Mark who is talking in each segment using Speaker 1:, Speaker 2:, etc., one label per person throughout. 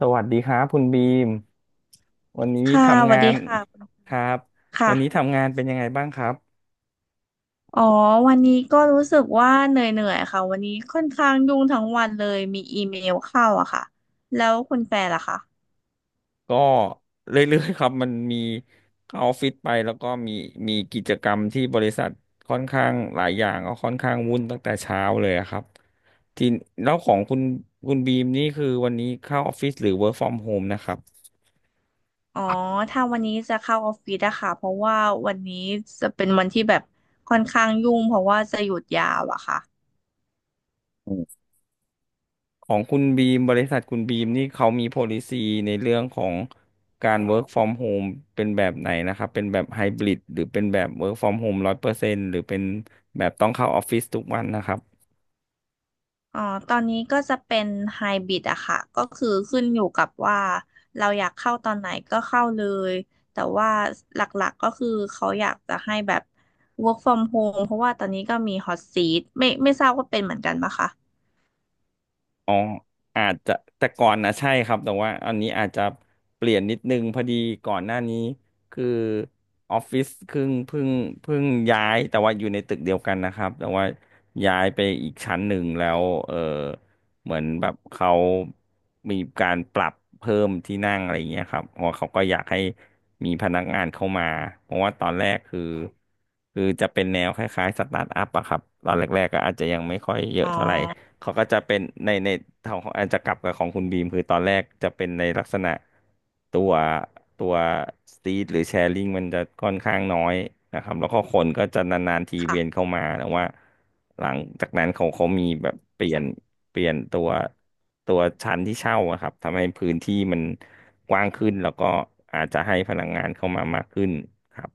Speaker 1: สวัสดีครับคุณบีมวันนี้
Speaker 2: ค่ะส
Speaker 1: ทำ
Speaker 2: วั
Speaker 1: งา
Speaker 2: สดี
Speaker 1: น
Speaker 2: ค่ะคุณ
Speaker 1: ครับ
Speaker 2: ค
Speaker 1: วันนี้
Speaker 2: ่ะ
Speaker 1: ทำงานเป็นยังไงบ้างครับ
Speaker 2: อ๋อวันนี้ก็รู้สึกว่าเหนื่อยๆค่ะ วันนี้ค่อนข้างยุ่งทั้งวันเลยมีอีเมลเข้าอะค่ะแล้วคุณแฟนล่ะคะ
Speaker 1: ก็เรื่อยๆครับมันมีเข้าออฟฟิศไปแล้วก็มีกิจกรรมที่บริษัทค่อนข้างหลายอย่างก็ค่อนข้างวุ่นตั้งแต่เช้าเลยอะครับทีแล้วของคุณคุณบีมนี่คือวันนี้เข้าออฟฟิศหรือ work from home นะครับ
Speaker 2: อ๋อถ้าวันนี้จะเข้าออฟฟิศอะค่ะเพราะว่าวันนี้จะเป็นวันที่แบบค่อนข้างยุ่งเพราะว่าจะหยุดยาวอะค่ะ
Speaker 1: ของคุณบีมบริษัทคุณบีมนี่เขามี policy ในเรื่องของการ work from home เป็นแบบไหนนะครับเป็นแบบ hybrid หรือเป็นแบบ work from home 100%หรือเป็นแบบต้องเข้าออฟฟิศทุกวันนะครับ
Speaker 2: อ๋อ ตอนนี้ก็จะเป็นไฮบริดอะค่ะ ก็คือขึ้นอยู่กับว่าเราอยากเข้าตอนไหนก็เข้าเลย แต่ว่าหลักๆก็คือเขาอยากจะให้แบบ work from home เพราะว่าตอนนี้ก็มี hot seat ไม่ทราบว่าเป็นเหมือนกันปะคะ
Speaker 1: อ๋ออาจจะแต่ก่อนนะใช่ครับแต่ว่าอันนี้อาจจะเปลี่ยนนิดนึงพอดีก่อนหน้านี้คือออฟฟิศเพิ่งย้ายแต่ว่าอยู่ในตึกเดียวกันนะครับแต่ว่าย้ายไปอีกชั้นหนึ่งแล้วเหมือนแบบเขามีการปรับเพิ่มที่นั่งอะไรอย่างเงี้ยครับเพราะว่าเขาก็อยากให้มีพนักงานเข้ามาเพราะว่าตอนแรกคือจะเป็นแนวคล้ายๆสตาร์ทอัพอะครับตอนแรกๆก็อาจจะยังไม่ค่อยเย
Speaker 2: อ๋
Speaker 1: อะ
Speaker 2: อ
Speaker 1: เท่าไหร่ เขาก็จะเป็นในทางของแอนจะกลับกับของคุณบีมคือตอนแรกจะเป็นในลักษณะตัวตัวสตรีทหรือแชร์ลิงมันจะค่อนข้างน้อยนะครับแล้วก็คนก็จะนานๆทีเวียนเข้า
Speaker 2: ค่ะ
Speaker 1: มาแต่ว่าหลังจากนั้นเขามีแบบเปลี่ยนตัวชั้นที่เช่าอะครับทำให้พื้นที่มันกว้างขึ้นแล้วก็อาจจะให้พนักงานเข้ามามากขึ้นครับ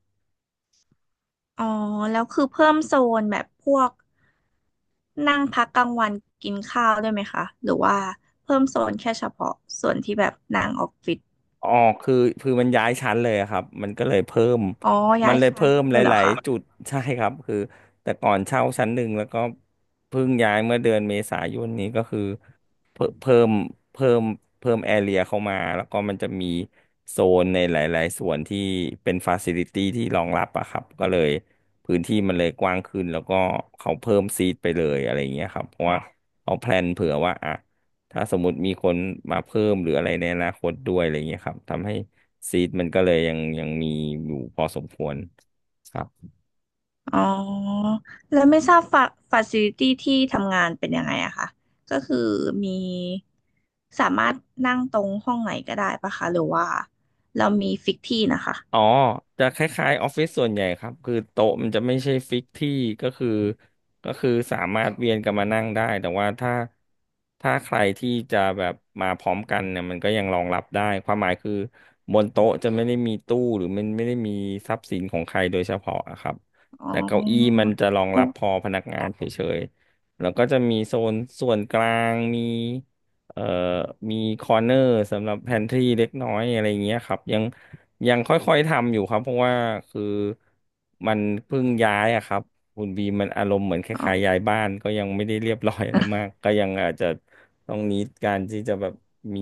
Speaker 2: อ๋อ แล้วคือเพิ่มโซนแบบพวกนั่งพักกลางวันกินข้าวด้วยไหมคะ หรือว่าเพิ่มโซนแค่เฉพาะส่วนที่แบบนั่งออฟฟิศ
Speaker 1: อ๋อคือคือมันย้ายชั้นเลยอะครับมันก็เลยเพิ่ม
Speaker 2: อ๋อ
Speaker 1: มั
Speaker 2: ย้า
Speaker 1: น
Speaker 2: ย
Speaker 1: เลย
Speaker 2: ชั้น
Speaker 1: เพิ่มห
Speaker 2: เลยเหรอ
Speaker 1: ลาย
Speaker 2: คะ
Speaker 1: ๆจุด ใช่ครับคือแต่ก่อนเช่าชั้นหนึ่งแล้วก็เพิ่งย้ายเมื่อเดือนเมษายนนี้ก็คือเพิ่มเพิ่มเพิ่มเพิ่มแอเรียเข้ามาแล้วก็มันจะมีโซนในหลายๆส่วนที่เป็นฟาซิลิตี้ที่รองรับอะครับก็เลยพื้นที่มันเลยกว้างขึ้นแล้วก็เขาเพิ่มซีทไปเลยอะไรอย่างเงี้ยครับเพราะว่าเขาแพลนเผื่อว่าอ่ะ ถ้าสมมติมีคนมาเพิ่มหรืออะไรในอนาคตด้วยอะไรเงี้ยครับทำให้ซีดมันก็เลยยังมีอยู่พอสมควรครับ
Speaker 2: อ๋อแล้วไม่ทราบฟาซิลิตี้ที่ทำงานเป็นยังไงอะคะก็คือมีสามารถนั่งตรงห้องไหนก็ได้ปะคะหรือว่าเรามีฟิกที่นะคะ
Speaker 1: อ๋อจะคล้ายๆออฟฟิศส่วนใหญ่ครับคือโต๊ะมันจะไม่ใช่ฟิกที่ก็คือก็คือสามารถเวียนกันมานั่งได้แต่ว่าถ้าใครที่จะแบบมาพร้อมกันเนี่ยมันก็ยังรองรับได้ความหมายคือบนโต๊ะจะไม่ได้มีตู้หรือมันไม่ได้มีทรัพย์สินของใครโดยเฉพาะอะครับ
Speaker 2: อ๋
Speaker 1: แต่เก้าอี้
Speaker 2: อ
Speaker 1: มันจะรองรั
Speaker 2: โอ้
Speaker 1: บพอพนักงานเฉยๆแล้วก็จะมีโซนส่วนกลางมีเอ่อมีคอร์เนอร์สำหรับแพนทรีเล็กน้อยอะไรเงี้ยครับยัง ยังค่อยๆทำอยู่ครับเพราะว่าคือมันเพิ่งย้ายอะครับคุณบีมันอารมณ์เหมือนค
Speaker 2: อ๋อ
Speaker 1: ล้ายๆย้ายบ้านก็ยังไม่ได้เรียบร้อยอะไรมากก็ยังอาจจะต้องนิดการที่จะแบบมี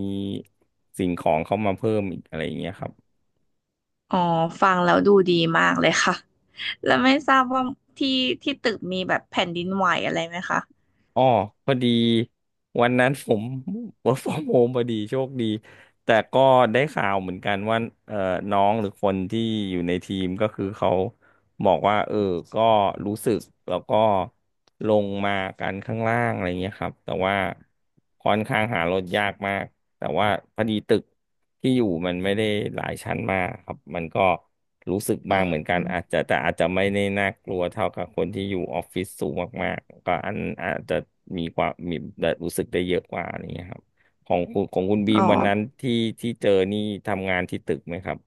Speaker 1: สิ่งของเข้ามาเพิ่มอีกอะไรอย่างเงี้ยครับ
Speaker 2: อ๋อฟังแล้วดูดีมากเลยค่ะแล้วไม่ทราบว่าที่ที่ตึกมีแบบแผ่นดินไหวอะไรไหมคะ
Speaker 1: อ๋อพอดีวันนั้นผม work from home พอดีโชคดีแต่ก็ได้ข่าวเหมือนกันว่าเอ่อน้องหรือคนที่อยู่ในทีมก็คือเขาบอกว่าก็รู้สึกแล้วก็ลงมากันข้างล่างอะไรเงี้ยครับแต่ว่าค่อนข้างหารถยากมาก แต่ว่าพอดีตึกที่อยู่มันไม่ได้หลายชั้นมากครับมันก็รู้สึก
Speaker 2: อื
Speaker 1: บ้างเหมือนกัน
Speaker 2: ม
Speaker 1: อาจจะแต่อาจจะไม่ได้น่ากลัวเท่ากับคนที่อยู่ออฟฟิศสูงมากๆก็อันอาจจะมีความมีรู้สึกได้เยอะกว่านี้ยครับของคุณบี
Speaker 2: อ๋อ
Speaker 1: มวันนั้นที่เจอนี่ทำงานที่ตึกไหมครับ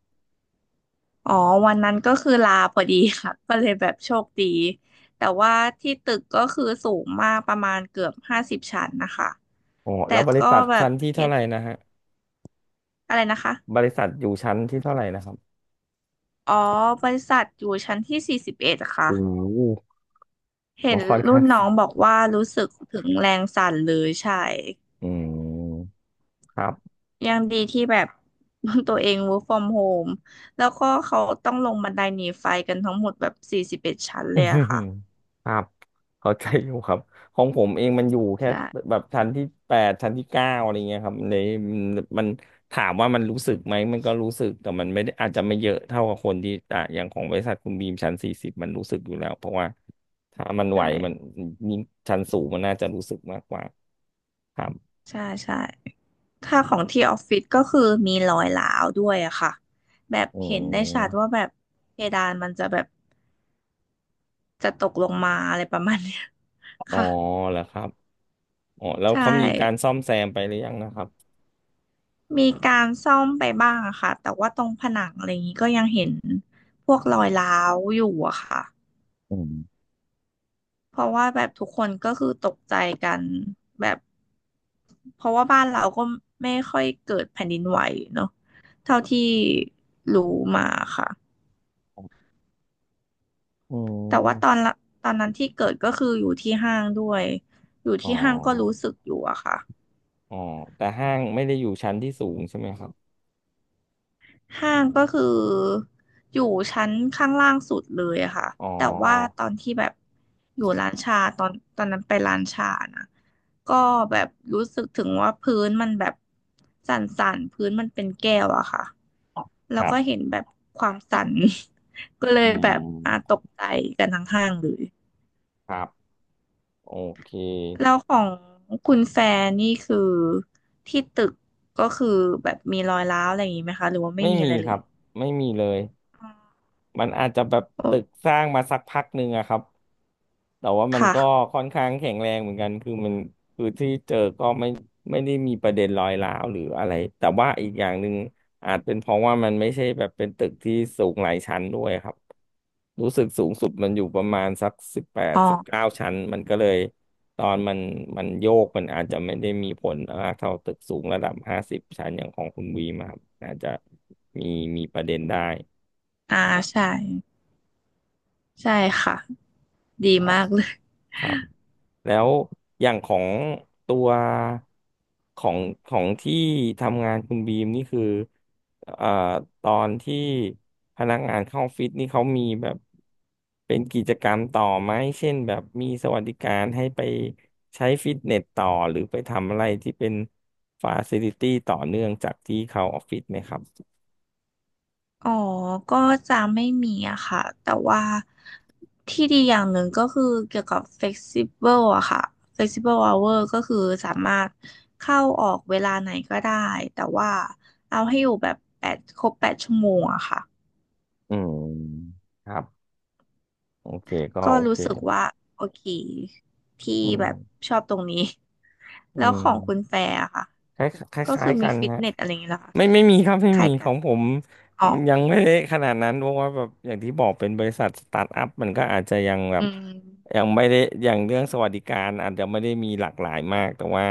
Speaker 2: อ๋อวันนั้นก็คือลาพอดีค่ะ ก็เลยแบบโชคดีแต่ว่าที่ตึกก็คือสูงมากประมาณเกือบ50ชั้นนะคะ
Speaker 1: อ๋อแล้
Speaker 2: แต่
Speaker 1: วบริ
Speaker 2: ก็
Speaker 1: ษัท
Speaker 2: แบบ
Speaker 1: ชั้นที่
Speaker 2: เห็
Speaker 1: เท่า
Speaker 2: น
Speaker 1: ไหร่นะฮะ
Speaker 2: อะไรนะคะ
Speaker 1: บริษัทอยู่ชั้นที่เท่าไหร่นะครับ
Speaker 2: อ๋อบริษัทอยู่ชั้นที่สี่สิบเอ็ดค่ะ
Speaker 1: โอ้โห
Speaker 2: เห็
Speaker 1: ก็
Speaker 2: น
Speaker 1: ค่อน
Speaker 2: รุ่
Speaker 1: ข้า
Speaker 2: น
Speaker 1: ง
Speaker 2: น้
Speaker 1: สู
Speaker 2: อง
Speaker 1: ง
Speaker 2: บอกว่ารู้สึกถึงแรงสั่นเลยใช่
Speaker 1: อืมครับ
Speaker 2: ยังดีที่แบบ ตัวเอง work from home แล้วก็เขาต้องลงบันไดหนีไฟกันทั้งหมดแบบสี่สิบเอ็ดชั้น
Speaker 1: อื
Speaker 2: เลยอะ
Speaker 1: ม
Speaker 2: ค่ะ
Speaker 1: ครับเข้าใจอยู่ครับของผมเองมันอยู่แค่
Speaker 2: ใช่
Speaker 1: แบบชั้นที่แปดชั้นที่เก้าอะไรเงี้ยครับเลยมัมันถามว่ามันรู้สึกไหมมันก็รู้สึกแต่มันไม่ได้อาจจะไม่เยอะเท่ากับคนที่อ่ะอย่างของบริษัทคุณบีมชั้น 40มันรู้สึกอยู่แล้วเพราะว่าถ้ามันไห
Speaker 2: ใช่
Speaker 1: วมันยิ่งชั้นสูงมันน่าจะรู้สึกมากกว่าครับ
Speaker 2: ใช่ใช่ ค่าของที่ออฟฟิศก็คือมีรอยร้าวด้วยอะค่ะแบบ
Speaker 1: อื
Speaker 2: เห็นได้ชัดว่า
Speaker 1: ม
Speaker 2: แบบเพดานมันจะแบบจะตกลงมาอะไรประมาณเนี้ย
Speaker 1: อ๋ อ
Speaker 2: ค่ะ
Speaker 1: แล้วครับอ๋อแล้ว
Speaker 2: ใช่
Speaker 1: เขามีการซ่อมแซมไปหรือยังนะครับ
Speaker 2: มีการซ่อมไปบ้างอะค่ะแต่ว่าตรงผนังอะไรอย่างนี้ก็ยังเห็นพวกรอยร้าวอยู่อะค่ะ
Speaker 1: อืม
Speaker 2: เพราะว่าแบบทุกคนก็คือตกใจกันแบบเพราะว่าบ้านเราก็ไม่ค่อยเกิดแผ่นดินไหวเนาะเท่าที่รู้มาค่ะ
Speaker 1: อื
Speaker 2: แต่ว่า
Speaker 1: ม
Speaker 2: ตอนนั้นที่เกิดก็คืออยู่ที่ห้างด้วยอยู่
Speaker 1: อ๋อ
Speaker 2: ที่ห้างก็รู้สึกอยู่อะค่ะ
Speaker 1: อ๋อ แต่ห้างไม่ได้อยู่ชั้นที่สูงใช่ไหมครับ
Speaker 2: ห้างก็คืออยู่ชั้นข้างล่างสุดเลยอะค่ะ
Speaker 1: อ๋อ
Speaker 2: แต่ว่าตอนที่แบบอยู่ร้านชาตอนนั้นไปร้านชานะก็แบบรู้สึกถึงว่าพื้นมันแบบสั่นๆพื้นมันเป็นแก้วอะค่ะแล้
Speaker 1: ค
Speaker 2: ว
Speaker 1: รั
Speaker 2: ก็เห็
Speaker 1: บ
Speaker 2: นแบบความสั่น ก็เล
Speaker 1: อื
Speaker 2: ยแบบอ่ะต
Speaker 1: ม
Speaker 2: กใจกันทั้งห้างเลย
Speaker 1: ครับ โอเค
Speaker 2: แล้วของคุณแฟนนี่คือที่ตึกก็คือแบบมีรอยร้าวอะไรอย่างนี้ไหมคะหรือว่าไม่
Speaker 1: ไม่
Speaker 2: มี
Speaker 1: มี
Speaker 2: อะไร
Speaker 1: ค
Speaker 2: เล
Speaker 1: รั
Speaker 2: ย
Speaker 1: บ ไม่มีเลย
Speaker 2: อ๋อ
Speaker 1: มันอาจจะแบบตึ
Speaker 2: โอ
Speaker 1: กสร้างมาสักพักหนึ่งอะครับ แต่ว่ามัน
Speaker 2: ค่ะ
Speaker 1: ก็ค่อนข้างแข็งแรงเหมือนกัน คือที่เจอก็ไม่ได้มีประเด็นรอยร้าวหรืออะไร แต่ว่าอีกอย่างหนึ่งอาจเป็นเพราะว่ามันไม่ใช่แบบเป็นตึกที่สูงหลายชั้นด้วยครับรู้สึกสูงสุดมันอยู่ประมาณสักสิบแปด
Speaker 2: อ๋
Speaker 1: สิบ
Speaker 2: อ
Speaker 1: เก้าชั้นมันก็เลยตอนมันโยกมันอาจจะไม่ได้มีผลมากเท่าตึกสูงระดับ50ชั้นอย่างของคุณวีมาครับอาจจะมีมีประเด็นได้
Speaker 2: อ่า
Speaker 1: ครั
Speaker 2: ใช่
Speaker 1: บ
Speaker 2: ใช่ค่ะดี
Speaker 1: ครับ
Speaker 2: มากเลย
Speaker 1: ครับแล้วอย่างของตัวของของที่ทำงานคุณบีมนี่คือเอ่อตอนที่พนักงานเข้าออฟฟิศนี่เขามีแบบเป็นกิจกรรมต่อไหมเช่นแบบมีสวัสดิการให้ไปใช้ฟิตเนสต่อหรือไปทำอะไรที่เป็นฟาซิลิตี้ต่อเนื่องจากที่เขาออฟฟิศไหมครับ
Speaker 2: อ๋อก็จะไม่มีอะค่ะแต่ว่าที่ดีอย่างหนึ่งก็คือเกี่ยวกับ flexible อะค่ะ flexible hour ก็คือสามารถเข้าออกเวลาไหนก็ได้แต่ว่าเอาให้อยู่แบบแปดครบ8 ชั่วโมงอะค่ะ
Speaker 1: อืมครับโอเคก็
Speaker 2: ก็
Speaker 1: โอเค
Speaker 2: รู้สึกว่าโอเคที่
Speaker 1: อื
Speaker 2: แบบ
Speaker 1: ม
Speaker 2: ชอบตรงนี้
Speaker 1: อื
Speaker 2: แล้วของคุณ
Speaker 1: ม
Speaker 2: แฟร์อะค่ะ
Speaker 1: คล้ายค
Speaker 2: ก็
Speaker 1: ล้า
Speaker 2: คื
Speaker 1: ย
Speaker 2: อ
Speaker 1: ๆกั
Speaker 2: มี
Speaker 1: น
Speaker 2: ฟิต
Speaker 1: ฮะ
Speaker 2: เนสอะไรอย่างเงี้ยเหรอคะ
Speaker 1: ไม่มีครับไม่
Speaker 2: คล้า
Speaker 1: มี
Speaker 2: ย
Speaker 1: ข
Speaker 2: กั
Speaker 1: อ
Speaker 2: น
Speaker 1: งผม
Speaker 2: อ๋อ
Speaker 1: ยังไม่ได้ขนาดนั้นเพราะว่าแบบอย่างที่บอกเป็นบริษัทสตาร์ทอัพมันก็อาจจะยังแบ
Speaker 2: อื
Speaker 1: บ
Speaker 2: ม
Speaker 1: ยังไม่ได้อย่างเรื่องสวัสดิการอาจจะไม่ได้มีหลากหลายมากแต่ว่า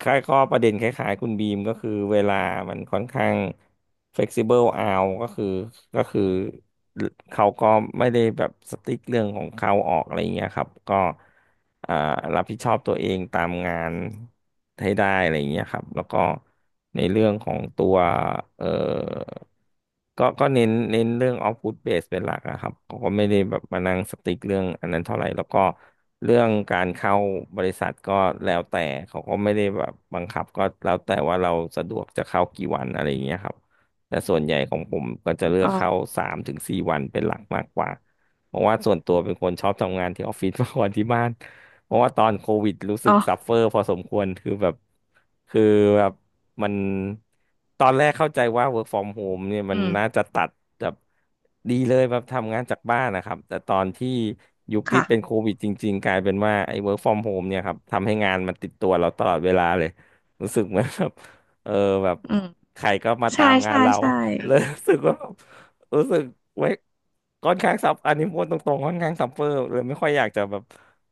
Speaker 1: ค่ายข้อประเด็นคล้ายๆคุณบีมก็คือเวลามันค่อนข้าง flexible out ก็คือเขาก็ไม่ได้แบบสติ๊กเรื่องของเขาออกอะไรอย่างเงี้ยครับก็อ่ารับผิดชอบตัวเองตามงานให้ได้อะไรอย่างเงี้ยครับแล้วก็ในเรื่องของตัวเอ่อ ก็เน้นเรื่องออฟฟู t เบสเป็นหลักอะครับเขาก็ไม่ได้แบบมานั่งสติ๊กเรื่องอันนั้นเท่าไหร่แล้วก็เรื่องการเข้าบริษัทก็แล้วแต่เขาก็ไม่ได้แบบบังคับก็แล้วแต่ว่าเราสะดวกจะเข้ากี่วันอะไรอย่างเงี้ยครับแต่ส่วนใหญ่ของผมก็จะเลือ
Speaker 2: อ๋
Speaker 1: กเข้า
Speaker 2: อ
Speaker 1: 3 ถึง 4วันเป็นหลักมากกว่าเพราะว่าส่วนตัวเป็นคนชอบทำงานที่ออฟฟิศ มากกว่าที่บ้าน เพราะว่าตอนโควิดรู้สึ
Speaker 2: อ๋
Speaker 1: ก
Speaker 2: อ
Speaker 1: ซัฟเฟอร์พอสมควรคือแบบมันตอนแรกเข้าใจว่า work from home เนี่ยมั
Speaker 2: อื
Speaker 1: น
Speaker 2: ม
Speaker 1: น่าจะตัดแบบดีเลยแบบทำงานจากบ้านนะครับแต่ตอนที่ยุคที่
Speaker 2: ค่ะ
Speaker 1: เป็นโควิดจริงๆกลายเป็นว่าไอ้ work from home เนี่ยครับทำให้งานมันติดตัวเราตลอดเวลาเลยรู้สึกเหมือนแบบ เออแบบ
Speaker 2: อืม
Speaker 1: ใครก็มา
Speaker 2: ใช่
Speaker 1: ตามงาน
Speaker 2: ใช่
Speaker 1: เรา
Speaker 2: ใช่
Speaker 1: เลยรู้สึกว่าแบบรู้สึกไว้ค่อนข้างซับอันนี้พูดตรงๆค่อนข้างซับเฟอร์เลยไม่ค่อยอยากจะแบบ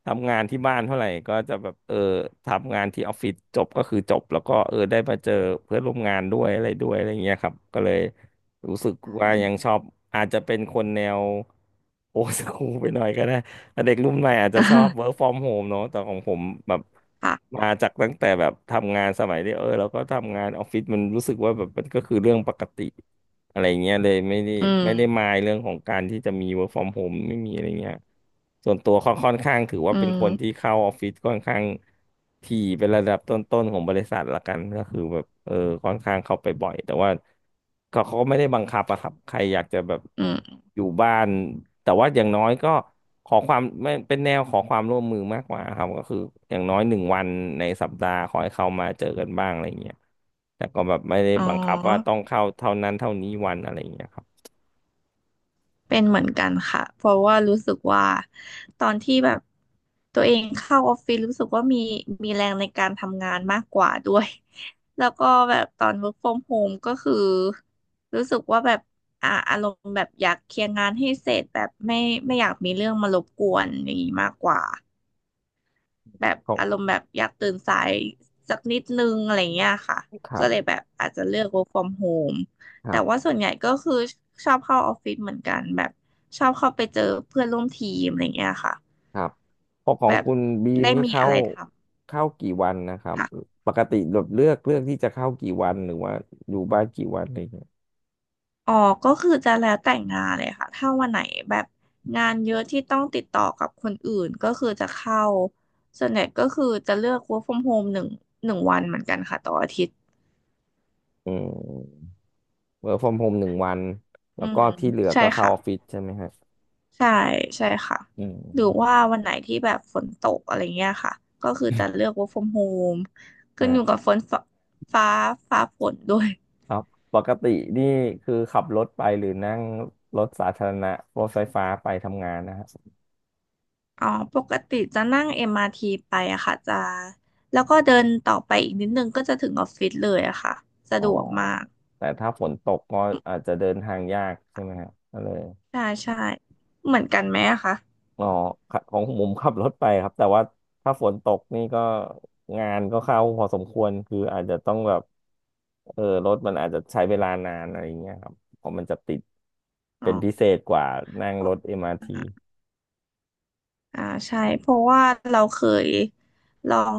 Speaker 1: ทำงานที่บ้านเท่าไหร่ก็จะแบบทำงานที่ออฟฟิศจบก็คือจบแล้วก็ได้มาเจอเพื่อนร่วมงานด้วยอะไรด้วยอะไรเงี้ยครับก็เลยรู้สึก
Speaker 2: ใช
Speaker 1: ว่า
Speaker 2: ่
Speaker 1: ยังชอบอาจจะเป็นคนแนวโอสคูลไปหน่อยก็ได้แต่เด็กรุ่นใหม่อาจจะชอบ work from home เนอะแต่ของผมแบบ
Speaker 2: ค่ะ
Speaker 1: มาจากตั้งแต่แบบทำงานสมัยที่แล้วก็ทำงานออฟฟิศมันรู้สึกว่าแบบมันก็คือเรื่องปกติ อะไรเงี้ยเลยไม่ได้
Speaker 2: อืม
Speaker 1: ไม่ได้มายเรื่องของการที่จะมี work from home ไม่มีอะไรเงี้ยส่วนตัวค่อนข้างถือว่า
Speaker 2: อื
Speaker 1: เป็นคนที่
Speaker 2: ม
Speaker 1: เข้าออฟฟิศค่อนข้างถี่เป็นระดับต้นๆของบริษัทละกันก็คือแบบค่อนข้างเข้าไปบ่อยแต่ว่าเขาก็ไม่ได้บังคับอะครับใครอยากจะแบบ
Speaker 2: อืม
Speaker 1: อยู่บ้านแต่ว่าอย่างน้อยก็ขอความไม่เป็นแนวขอความร่วมมือมากกว่าครับก็คืออย่างน้อยหนึ่งวันในสัปดาห์ขอให้เขามาเจอกันบ้างอะไรเงี้ย แต่ก็แบบไม่ได้
Speaker 2: อ๋อ
Speaker 1: บังคับว่าต้องเข้าเท่านั้นเท่านี้วันอะไรอย่างเงี้ยครับ
Speaker 2: เป็นเหมือนกันค่ะ เพราะว่ารู้สึกว่าตอนที่แบบตัวเองเข้าออฟฟิศรู้สึกว่ามีแรงในการทำงานมากกว่าด้วย แล้วก็แบบตอน work from home ก็คือรู้สึกว่าแบบอารมณ์แบบอยากเคลียร์งานให้เสร็จแบบไม่อยากมีเรื่องมารบกวนอย่างนี้มากกว่า แบบ
Speaker 1: เขา
Speaker 2: อารมณ์แบบอยากตื่นสายสักนิดนึงอะไรเงี้ยค่ะ
Speaker 1: ครั
Speaker 2: ก็
Speaker 1: บ
Speaker 2: เลยแบบอาจจะเลือก work from home
Speaker 1: ครั
Speaker 2: แต่ว่า
Speaker 1: บ
Speaker 2: ส่วนใหญ่ก็คือชอบเข้าออฟฟิศเหมือนกันแบบชอบเข้าไปเจอเพื่อนร่วมทีมอะไรเงี้ยค่ะ
Speaker 1: ครับพอขอ
Speaker 2: แบ
Speaker 1: ง
Speaker 2: บ
Speaker 1: คุณบีม
Speaker 2: ได้
Speaker 1: นี่
Speaker 2: มี
Speaker 1: เข้า
Speaker 2: อะไรท
Speaker 1: เข้ากี่วันนะครั
Speaker 2: ำ
Speaker 1: บ
Speaker 2: ค่ะ
Speaker 1: ปกติแบบเลือกที่จะเข้ากี่วันหรือว่าอยู่บ้านกี่วันอะไรอย่างเงี้ย
Speaker 2: อ๋อก็คือจะแล้วแต่งงานเลยค่ะถ้าวันไหนแบบงานเยอะที่ต้องติดต่อกับคนอื่นก็คือจะเข้าส่วนใหญ่ก็คือจะเลือก work from home หนึ่งวันเหมือนกันค่ะต่ออาทิตย์
Speaker 1: อืมเวิร์กฟอรมโฮมหนึ่งวัน แล้
Speaker 2: อื
Speaker 1: วก็
Speaker 2: ม
Speaker 1: ที่เหลือ
Speaker 2: ใช่
Speaker 1: ก็เข้า
Speaker 2: ค่ะ
Speaker 1: ออฟฟิศใช่ไหมฮะ
Speaker 2: ใช่ใช่ค่ะ
Speaker 1: อื
Speaker 2: หรือ
Speaker 1: ม
Speaker 2: ว่าวันไหนที่แบบฝนตกอะไรเงี้ยค่ะก็คือจะเลือก work from home ขึ้นอ
Speaker 1: นะ
Speaker 2: ยู่กับฝนฟ้าฟ้าฝนด้วย
Speaker 1: ครับ ปกตินี่คือขับรถไปหรือนั่งรถสาธารณะรถไฟฟ้าไปทำงานนะฮะ
Speaker 2: อ๋อปกติจะนั่ง MRT ไปอะค่ะจะแล้วก็เดินต่อไปอีกนิดนึงก็จะถึงออฟฟิศเลยอะค่ะสะ
Speaker 1: อ๋อ
Speaker 2: ดวกมาก
Speaker 1: แต่ถ้าฝนตกก็อาจจะเดินทางยากใช่ไหมฮะก็เลย
Speaker 2: ใช่ใช่เหมือนกันไหมอะคะ
Speaker 1: อ๋อครับของผมขับรถไปครับแต่ว่าถ้าฝนตกนี่ก็งานก็เข้าพอสมควรคืออาจจะต้องแบบรถมันอาจจะใช้เวลานานอะไรอย่างเงี้ยครับเพราะมันจะติดเป็นพิ
Speaker 2: อ๋
Speaker 1: เศษกว่านั่งรถเอ็มอาร์ที
Speaker 2: อ อ่าใช่เพราะว่าเราเคยลอง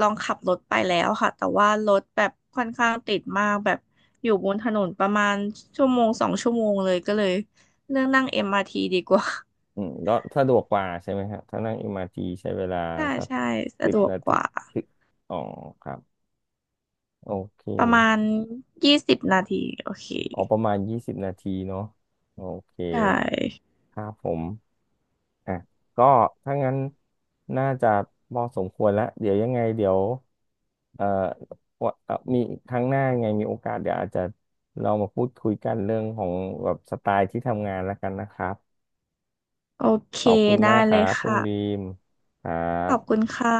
Speaker 2: ลองขับรถไปแล้วค่ะแต่ว่ารถแบบค่อนข้างติดมากแบบอยู่บนถนนประมาณชั่วโมง2 ชั่วโมงเลยก็เลยเลือกนั่ง MRT ดีกว่า
Speaker 1: อืมก็สะดวกกว่าใช่ไหมครับถ้านั่งเอ็มอาร์ทีใช้เวลา
Speaker 2: ใช่
Speaker 1: สัก
Speaker 2: ใช่สะ
Speaker 1: สิบ
Speaker 2: ดวก
Speaker 1: นา
Speaker 2: ก
Speaker 1: ที
Speaker 2: ว่า
Speaker 1: ถึงอ๋อครับโอเค
Speaker 2: ประมาณ20 นาทีโอเค
Speaker 1: อ๋อประมาณ20นาทีเนาะโอเค
Speaker 2: ได้
Speaker 1: ครับผมอ่ะก็ถ้างั้นน่าจะพอสมควรแล้วเดี๋ยวยังไงเดี๋ยวเอ่อวาเอ่อมีครั้งหน้ายังไงมีโอกาสเดี๋ยวอาจจะเรามาพูดคุยกันเรื่องของแบบสไตล์ที่ทำงานแล้วกันนะครับ
Speaker 2: โอเค
Speaker 1: ขอบคุณ
Speaker 2: ได้
Speaker 1: มากค
Speaker 2: เล
Speaker 1: รั
Speaker 2: ย
Speaker 1: บคุณ
Speaker 2: ค่ะ
Speaker 1: บีมครั
Speaker 2: ข
Speaker 1: บ
Speaker 2: อบคุณค่ะ